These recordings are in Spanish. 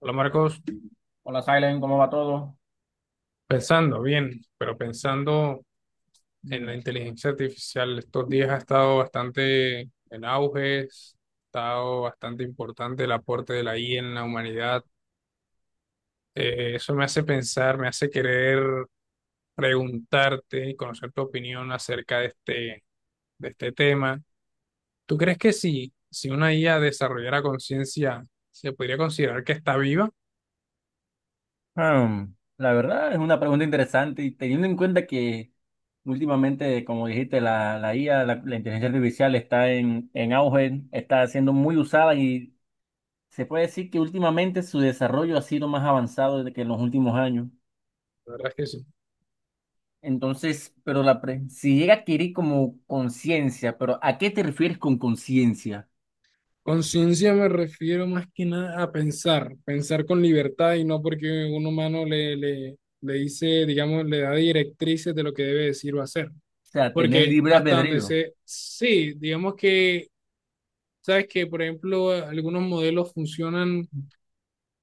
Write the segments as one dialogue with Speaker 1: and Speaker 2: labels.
Speaker 1: Hola Marcos,
Speaker 2: Hola, Silent, ¿cómo va todo?
Speaker 1: pensando bien, pero pensando en la
Speaker 2: Mm.
Speaker 1: inteligencia artificial, estos días ha estado bastante en auge, ha estado bastante importante el aporte de la IA en la humanidad. Eso me hace pensar, me hace querer preguntarte y conocer tu opinión acerca de este tema. ¿Tú crees que si una IA desarrollara conciencia, se podría considerar que está viva?
Speaker 2: Ah, la verdad es una pregunta interesante y teniendo en cuenta que últimamente, como dijiste, la IA, la inteligencia artificial está en auge, está siendo muy usada y se puede decir que últimamente su desarrollo ha sido más avanzado de que en los últimos años.
Speaker 1: La verdad es que sí.
Speaker 2: Entonces, pero si llega a adquirir como conciencia, pero ¿a qué te refieres con conciencia?
Speaker 1: Conciencia me refiero más que nada a pensar, pensar con libertad y no porque un humano le dice, digamos, le da directrices de lo que debe decir o hacer.
Speaker 2: O sea, tener
Speaker 1: Porque
Speaker 2: libre
Speaker 1: hasta donde
Speaker 2: albedrío.
Speaker 1: sé, sí, digamos que, sabes que, por ejemplo, algunos modelos funcionan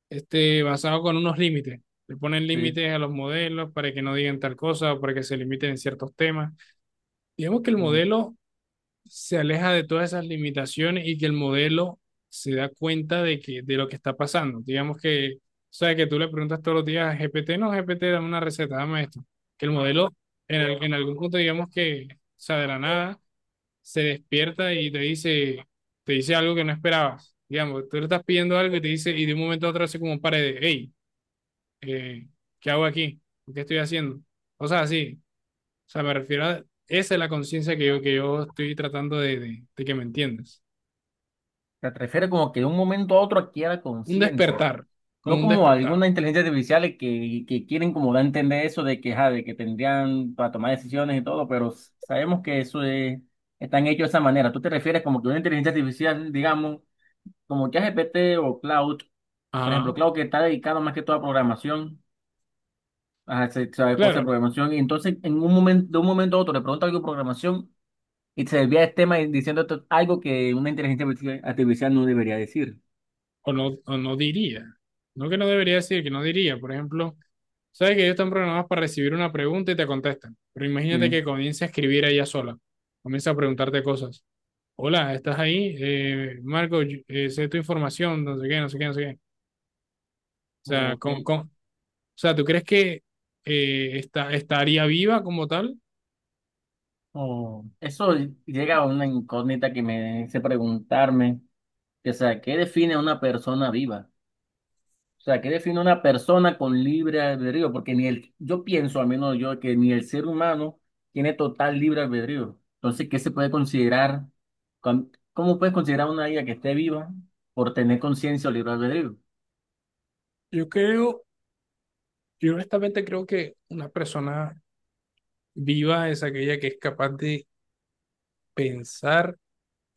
Speaker 1: basados con unos límites. Le ponen
Speaker 2: Sí.
Speaker 1: límites a los modelos para que no digan tal cosa para que se limiten en ciertos temas. Digamos que el
Speaker 2: Mm.
Speaker 1: modelo se aleja de todas esas limitaciones y que el modelo se da cuenta de lo que está pasando. Digamos que, o sea, que tú le preguntas todos los días a GPT, no, GPT, dame una receta, dame esto. Que el modelo, en algún punto, digamos que, o sea, de la nada, se despierta y te dice algo que no esperabas. Digamos, tú le estás pidiendo algo y te dice, y de un momento a otro hace como un par de, hey, eh, ¿qué hago aquí? ¿Qué estoy haciendo? O sea, sí, o sea, me refiero a, esa es la conciencia que yo estoy tratando de que me entiendas.
Speaker 2: ¿Te refieres como que de un momento a otro adquiera
Speaker 1: Un
Speaker 2: conciencia?
Speaker 1: despertar, como
Speaker 2: No
Speaker 1: un
Speaker 2: como
Speaker 1: despertar.
Speaker 2: alguna inteligencia artificial que quieren como dar a entender eso de que, ajá, de que tendrían para tomar decisiones y todo, pero sabemos que eso es, están hechos de esa manera. ¿Tú te refieres como que una inteligencia artificial, digamos, como ChatGPT o Cloud, por
Speaker 1: Ajá.
Speaker 2: ejemplo, Cloud que está dedicado más que todo a programación, a saber cosas
Speaker 1: Claro,
Speaker 2: de programación, y entonces en un momento, de un momento a otro le pregunta algo de programación y se desvía el tema y diciendo algo que una inteligencia artificial artificial no debería decir.
Speaker 1: o no diría. No que no debería decir, que no diría. Por ejemplo, sabes que ellos están programados para recibir una pregunta y te contestan. Pero imagínate
Speaker 2: Sí.
Speaker 1: que comience a escribir ella sola. Comienza a preguntarte cosas. Hola, ¿estás ahí? Marco, sé tu información, no sé qué, no sé qué, no sé qué. O sea,
Speaker 2: Ok.
Speaker 1: ¿tú crees que estaría viva como tal?
Speaker 2: Oh, eso llega a una incógnita que me hace preguntarme, que, o sea, ¿qué define a una persona viva? O sea, ¿qué define a una persona con libre albedrío? Porque ni el, yo pienso, al menos yo, que ni el ser humano tiene total libre albedrío. Entonces, ¿qué se puede considerar? ¿Cómo puedes considerar a una vida que esté viva por tener conciencia o libre albedrío?
Speaker 1: Yo creo Yo honestamente creo que una persona viva es aquella que es capaz de pensar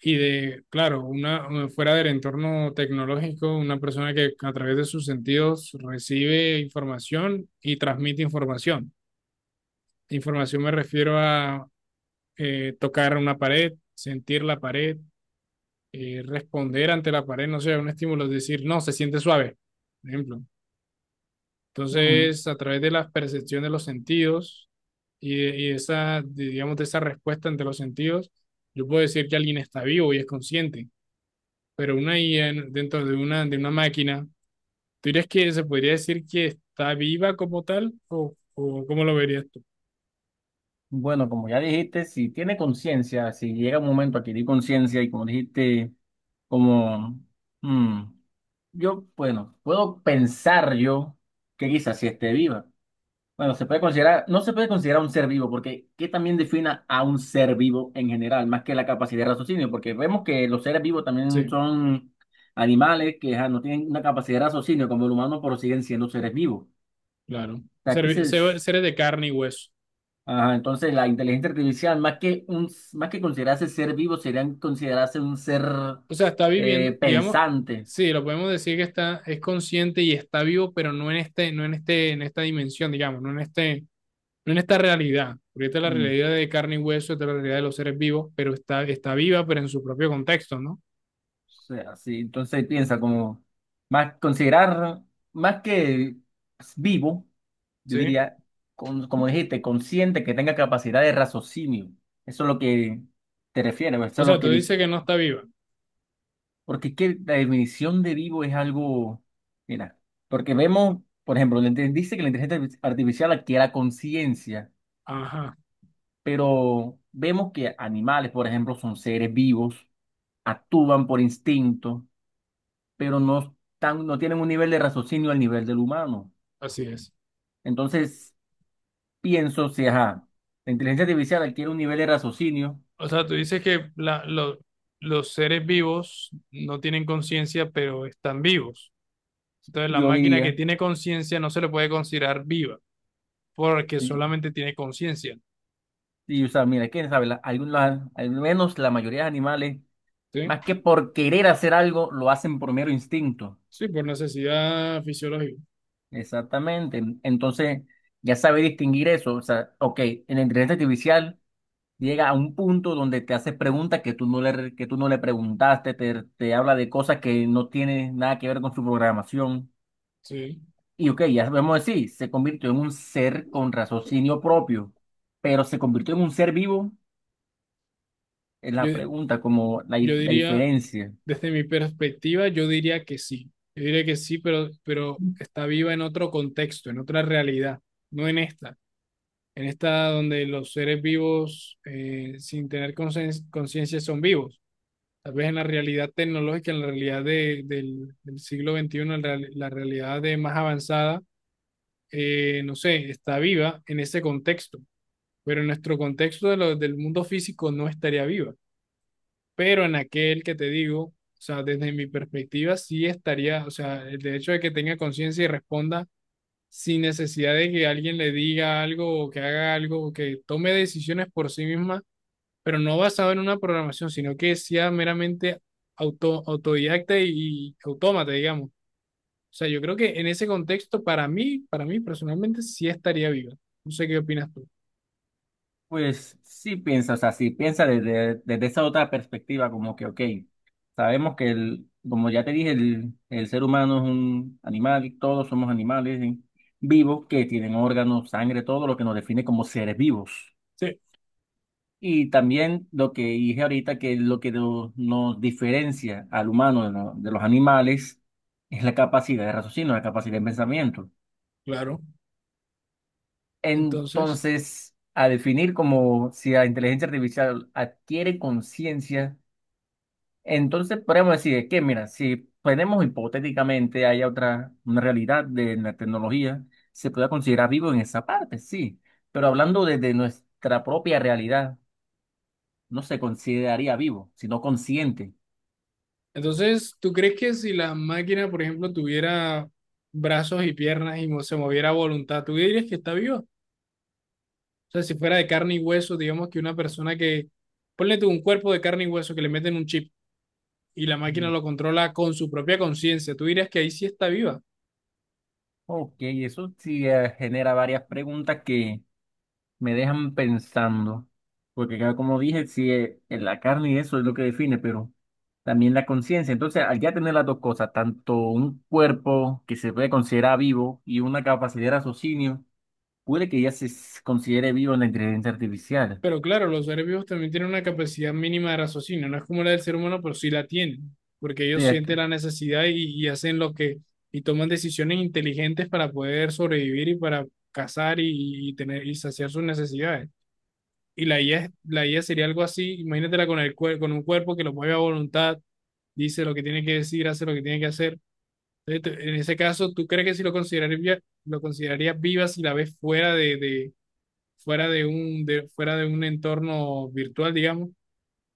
Speaker 1: y de, claro, una fuera del entorno tecnológico, una persona que a través de sus sentidos recibe información y transmite información. Información me refiero a tocar una pared, sentir la pared, responder ante la pared, no sé, un estímulo, decir, no, se siente suave, por ejemplo.
Speaker 2: Mm.
Speaker 1: Entonces, a través de la percepción de los sentidos y esa, digamos, de esa respuesta ante los sentidos, yo puedo decir que alguien está vivo y es consciente, pero una IA dentro de una máquina, ¿tú dirías que se podría decir que está viva como tal o cómo lo verías tú?
Speaker 2: Bueno, como ya dijiste, si tiene conciencia, si llega un momento a adquirir conciencia y como dijiste, como... mm, yo, bueno, puedo pensar yo que quizás si esté viva. Bueno, se puede considerar, no se puede considerar un ser vivo, porque ¿qué también defina a un ser vivo en general, más que la capacidad de raciocinio? Porque vemos que los seres vivos también
Speaker 1: Sí,
Speaker 2: son animales que ajá, no tienen una capacidad de raciocinio como el humano, pero siguen siendo seres vivos. O
Speaker 1: claro.
Speaker 2: sea,
Speaker 1: Seres de carne y hueso.
Speaker 2: ajá, entonces la inteligencia artificial, más que considerarse ser vivo, serían considerarse un ser
Speaker 1: O sea, está viviendo, digamos,
Speaker 2: pensante.
Speaker 1: sí, lo podemos decir que es consciente y está vivo, pero no en este, no en este, en esta dimensión, digamos, no en esta realidad, porque esta es la
Speaker 2: Mm.
Speaker 1: realidad de carne y hueso, esta es la realidad de los seres vivos, pero está viva, pero en su propio contexto, ¿no?
Speaker 2: Sí, entonces piensa como más considerar más que vivo, yo
Speaker 1: Sí.
Speaker 2: diría, como dijiste, consciente que tenga capacidad de raciocinio. Eso es lo que te refieres, eso
Speaker 1: O
Speaker 2: es
Speaker 1: sea,
Speaker 2: lo que
Speaker 1: tú dices que no está viva.
Speaker 2: porque es que la definición de vivo es algo, mira, porque vemos, por ejemplo, dice que la inteligencia artificial adquiere conciencia,
Speaker 1: Ajá,
Speaker 2: pero vemos que animales, por ejemplo, son seres vivos, actúan por instinto pero no tienen un nivel de raciocinio al nivel del humano.
Speaker 1: así es.
Speaker 2: Entonces, pienso, si ajá, la inteligencia artificial adquiere un nivel de raciocinio,
Speaker 1: O sea, tú dices que los seres vivos no tienen conciencia, pero están vivos. Entonces, la
Speaker 2: yo
Speaker 1: máquina que
Speaker 2: diría,
Speaker 1: tiene conciencia no se le puede considerar viva, porque
Speaker 2: y,
Speaker 1: solamente tiene conciencia.
Speaker 2: o sea, mira, quién sabe, al menos la mayoría de animales,
Speaker 1: Sí.
Speaker 2: más que por querer hacer algo, lo hacen por mero instinto.
Speaker 1: Sí, por necesidad fisiológica.
Speaker 2: Exactamente. Entonces, ya sabe distinguir eso. O sea, ok, en la inteligencia artificial. Llega a un punto donde te hace preguntas que tú no le preguntaste, te habla de cosas que no tienen nada que ver con su programación.
Speaker 1: Sí.
Speaker 2: Y ok, ya sabemos decir, se convirtió en un ser con raciocinio propio, pero se convirtió en un ser vivo, es la
Speaker 1: Yo,
Speaker 2: pregunta, como
Speaker 1: yo
Speaker 2: la
Speaker 1: diría,
Speaker 2: diferencia.
Speaker 1: Desde mi perspectiva, yo diría que sí. Yo diría que sí, pero está viva en otro contexto, en otra realidad, no en esta. En esta donde los seres vivos, sin tener conciencia, son vivos. Tal vez en la realidad tecnológica, en la realidad del siglo XXI, la realidad de más avanzada, no sé, está viva en ese contexto, pero en nuestro contexto del mundo físico no estaría viva pero en aquel que te digo, o sea, desde mi perspectiva sí estaría, o sea, el hecho de que tenga conciencia y responda sin necesidad de que alguien le diga algo o que haga algo o que tome decisiones por sí misma, pero no basado en una programación, sino que sea meramente autodidacta y autómata, digamos. O sea, yo creo que en ese contexto, para mí personalmente, sí estaría viva. No sé qué opinas tú.
Speaker 2: Pues sí piensa, o sea, sí piensa desde esa otra perspectiva, como que, ok, sabemos que el, como ya te dije, el ser humano es un animal, todos somos animales ¿sí? Vivos que tienen órganos, sangre, todo lo que nos define como seres vivos.
Speaker 1: Sí,
Speaker 2: Y también lo que dije ahorita, que lo que no- nos diferencia al humano de los animales es la capacidad de raciocinio, la capacidad de pensamiento.
Speaker 1: claro. Entonces,
Speaker 2: Entonces, a definir como si la inteligencia artificial adquiere conciencia, entonces podemos decir que, mira, si tenemos hipotéticamente haya otra una realidad de la tecnología, se puede considerar vivo en esa parte, sí, pero hablando desde nuestra propia realidad, no se consideraría vivo, sino consciente.
Speaker 1: Entonces, ¿tú crees que si la máquina, por ejemplo, tuviera brazos y piernas y se moviera a voluntad, tú dirías que está viva? O sea, si fuera de carne y hueso, digamos que una persona que, ponle tú un cuerpo de carne y hueso que le meten un chip y la máquina
Speaker 2: Mm.
Speaker 1: lo controla con su propia conciencia, ¿tú dirías que ahí sí está viva?
Speaker 2: Ok, eso sí genera varias preguntas que me dejan pensando, porque claro, como dije, sí, en la carne y eso es lo que define, pero también la conciencia. Entonces, al ya tener las dos cosas, tanto un cuerpo que se puede considerar vivo y una capacidad de raciocinio, puede que ya considere vivo en la inteligencia artificial,
Speaker 1: Pero claro, los seres vivos también tienen una capacidad mínima de raciocinio, no es como la del ser humano, pero sí la tienen, porque ellos
Speaker 2: ¿cierto?
Speaker 1: sienten la necesidad y hacen lo que, y toman decisiones inteligentes para poder sobrevivir y para cazar y tener y saciar sus necesidades. Y la IA, la IA sería algo así, imagínatela con con un cuerpo que lo mueve a voluntad, dice lo que tiene que decir, hace lo que tiene que hacer. Entonces, en ese caso, ¿tú crees que si lo considerarías, lo considerarías viva si la ves fuera fuera de un entorno virtual, digamos,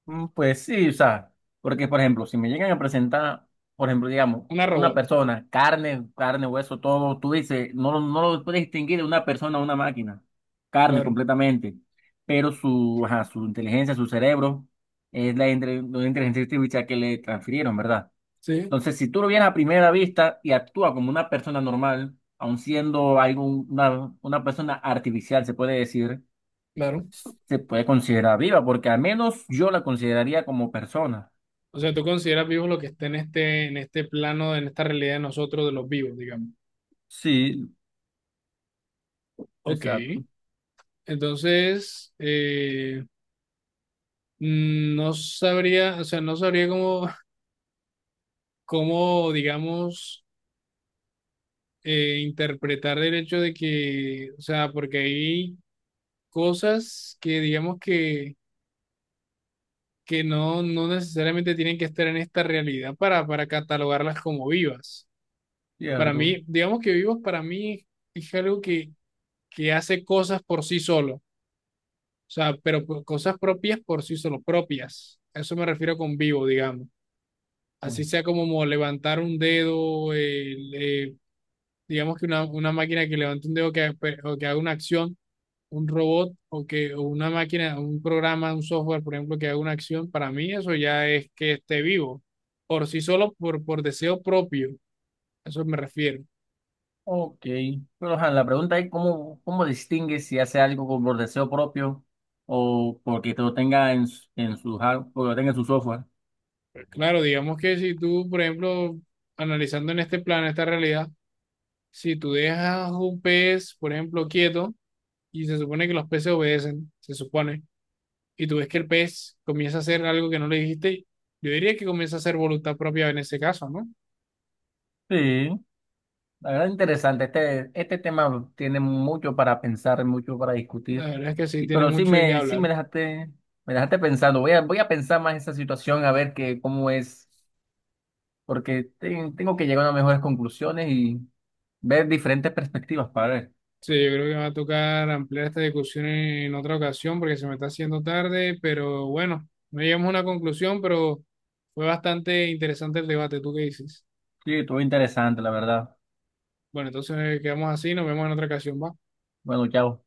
Speaker 2: Mm. Pues sí, o sea, porque por ejemplo, si me llegan a presentar, por ejemplo, digamos,
Speaker 1: una
Speaker 2: una
Speaker 1: robot.
Speaker 2: persona, carne, hueso, todo, tú dices, no, no lo puedes distinguir de una persona a una máquina, carne
Speaker 1: Claro,
Speaker 2: completamente, pero ajá, su inteligencia, su cerebro, es la inteligencia artificial que le transfirieron, ¿verdad?
Speaker 1: sí,
Speaker 2: Entonces, si tú lo vienes a primera vista y actúa como una persona normal, aun siendo algo, una persona artificial, se puede decir,
Speaker 1: claro.
Speaker 2: se puede considerar viva, porque al menos yo la consideraría como persona.
Speaker 1: O sea, tú consideras vivos lo que está en este, plano, en esta realidad de nosotros, de los vivos, digamos.
Speaker 2: Sí.
Speaker 1: Ok,
Speaker 2: Exacto.
Speaker 1: entonces, no sabría, o sea, no sabría cómo digamos, interpretar el hecho de que, o sea, porque hay cosas que, digamos que no necesariamente tienen que estar en esta realidad para catalogarlas como vivas. Para
Speaker 2: Cierto.
Speaker 1: mí, digamos que vivas para mí es algo que hace cosas por sí solo, o sea, pero cosas propias por sí solo, propias. A eso me refiero con vivo, digamos. Así
Speaker 2: Mm.
Speaker 1: sea como levantar un dedo, digamos que una máquina que levante un dedo o que haga una acción un robot o una máquina, un programa, un software, por ejemplo, que haga una acción, para mí eso ya es que esté vivo, por sí solo, por deseo propio, a eso me refiero.
Speaker 2: Ok, pero ajá, la pregunta es cómo, cómo distingues si hace algo por deseo propio o porque te lo tenga en, en su porque lo tenga en su software.
Speaker 1: Pero claro, digamos que si tú, por ejemplo, analizando en este plano, esta realidad, si tú dejas un pez, por ejemplo, quieto, y se supone que los peces obedecen, se supone, y tú ves que el pez comienza a hacer algo que no le dijiste, yo diría que comienza a hacer voluntad propia en ese caso, ¿no?
Speaker 2: Sí, la verdad interesante. Este tema tiene mucho para pensar, mucho para
Speaker 1: La
Speaker 2: discutir.
Speaker 1: verdad es que sí
Speaker 2: Y
Speaker 1: tiene
Speaker 2: pero
Speaker 1: mucho de qué
Speaker 2: sí
Speaker 1: hablar.
Speaker 2: me dejaste pensando. Voy a pensar más esa situación a ver que cómo es. Porque tengo que llegar a mejores conclusiones y ver diferentes perspectivas para ver.
Speaker 1: Sí, yo creo que va a tocar ampliar esta discusión en otra ocasión porque se me está haciendo tarde, pero bueno, no llegamos a una conclusión, pero fue bastante interesante el debate. ¿Tú qué dices?
Speaker 2: Sí, estuvo interesante, la verdad.
Speaker 1: Bueno, entonces quedamos así, nos vemos en otra ocasión, ¿va?
Speaker 2: Bueno, chao.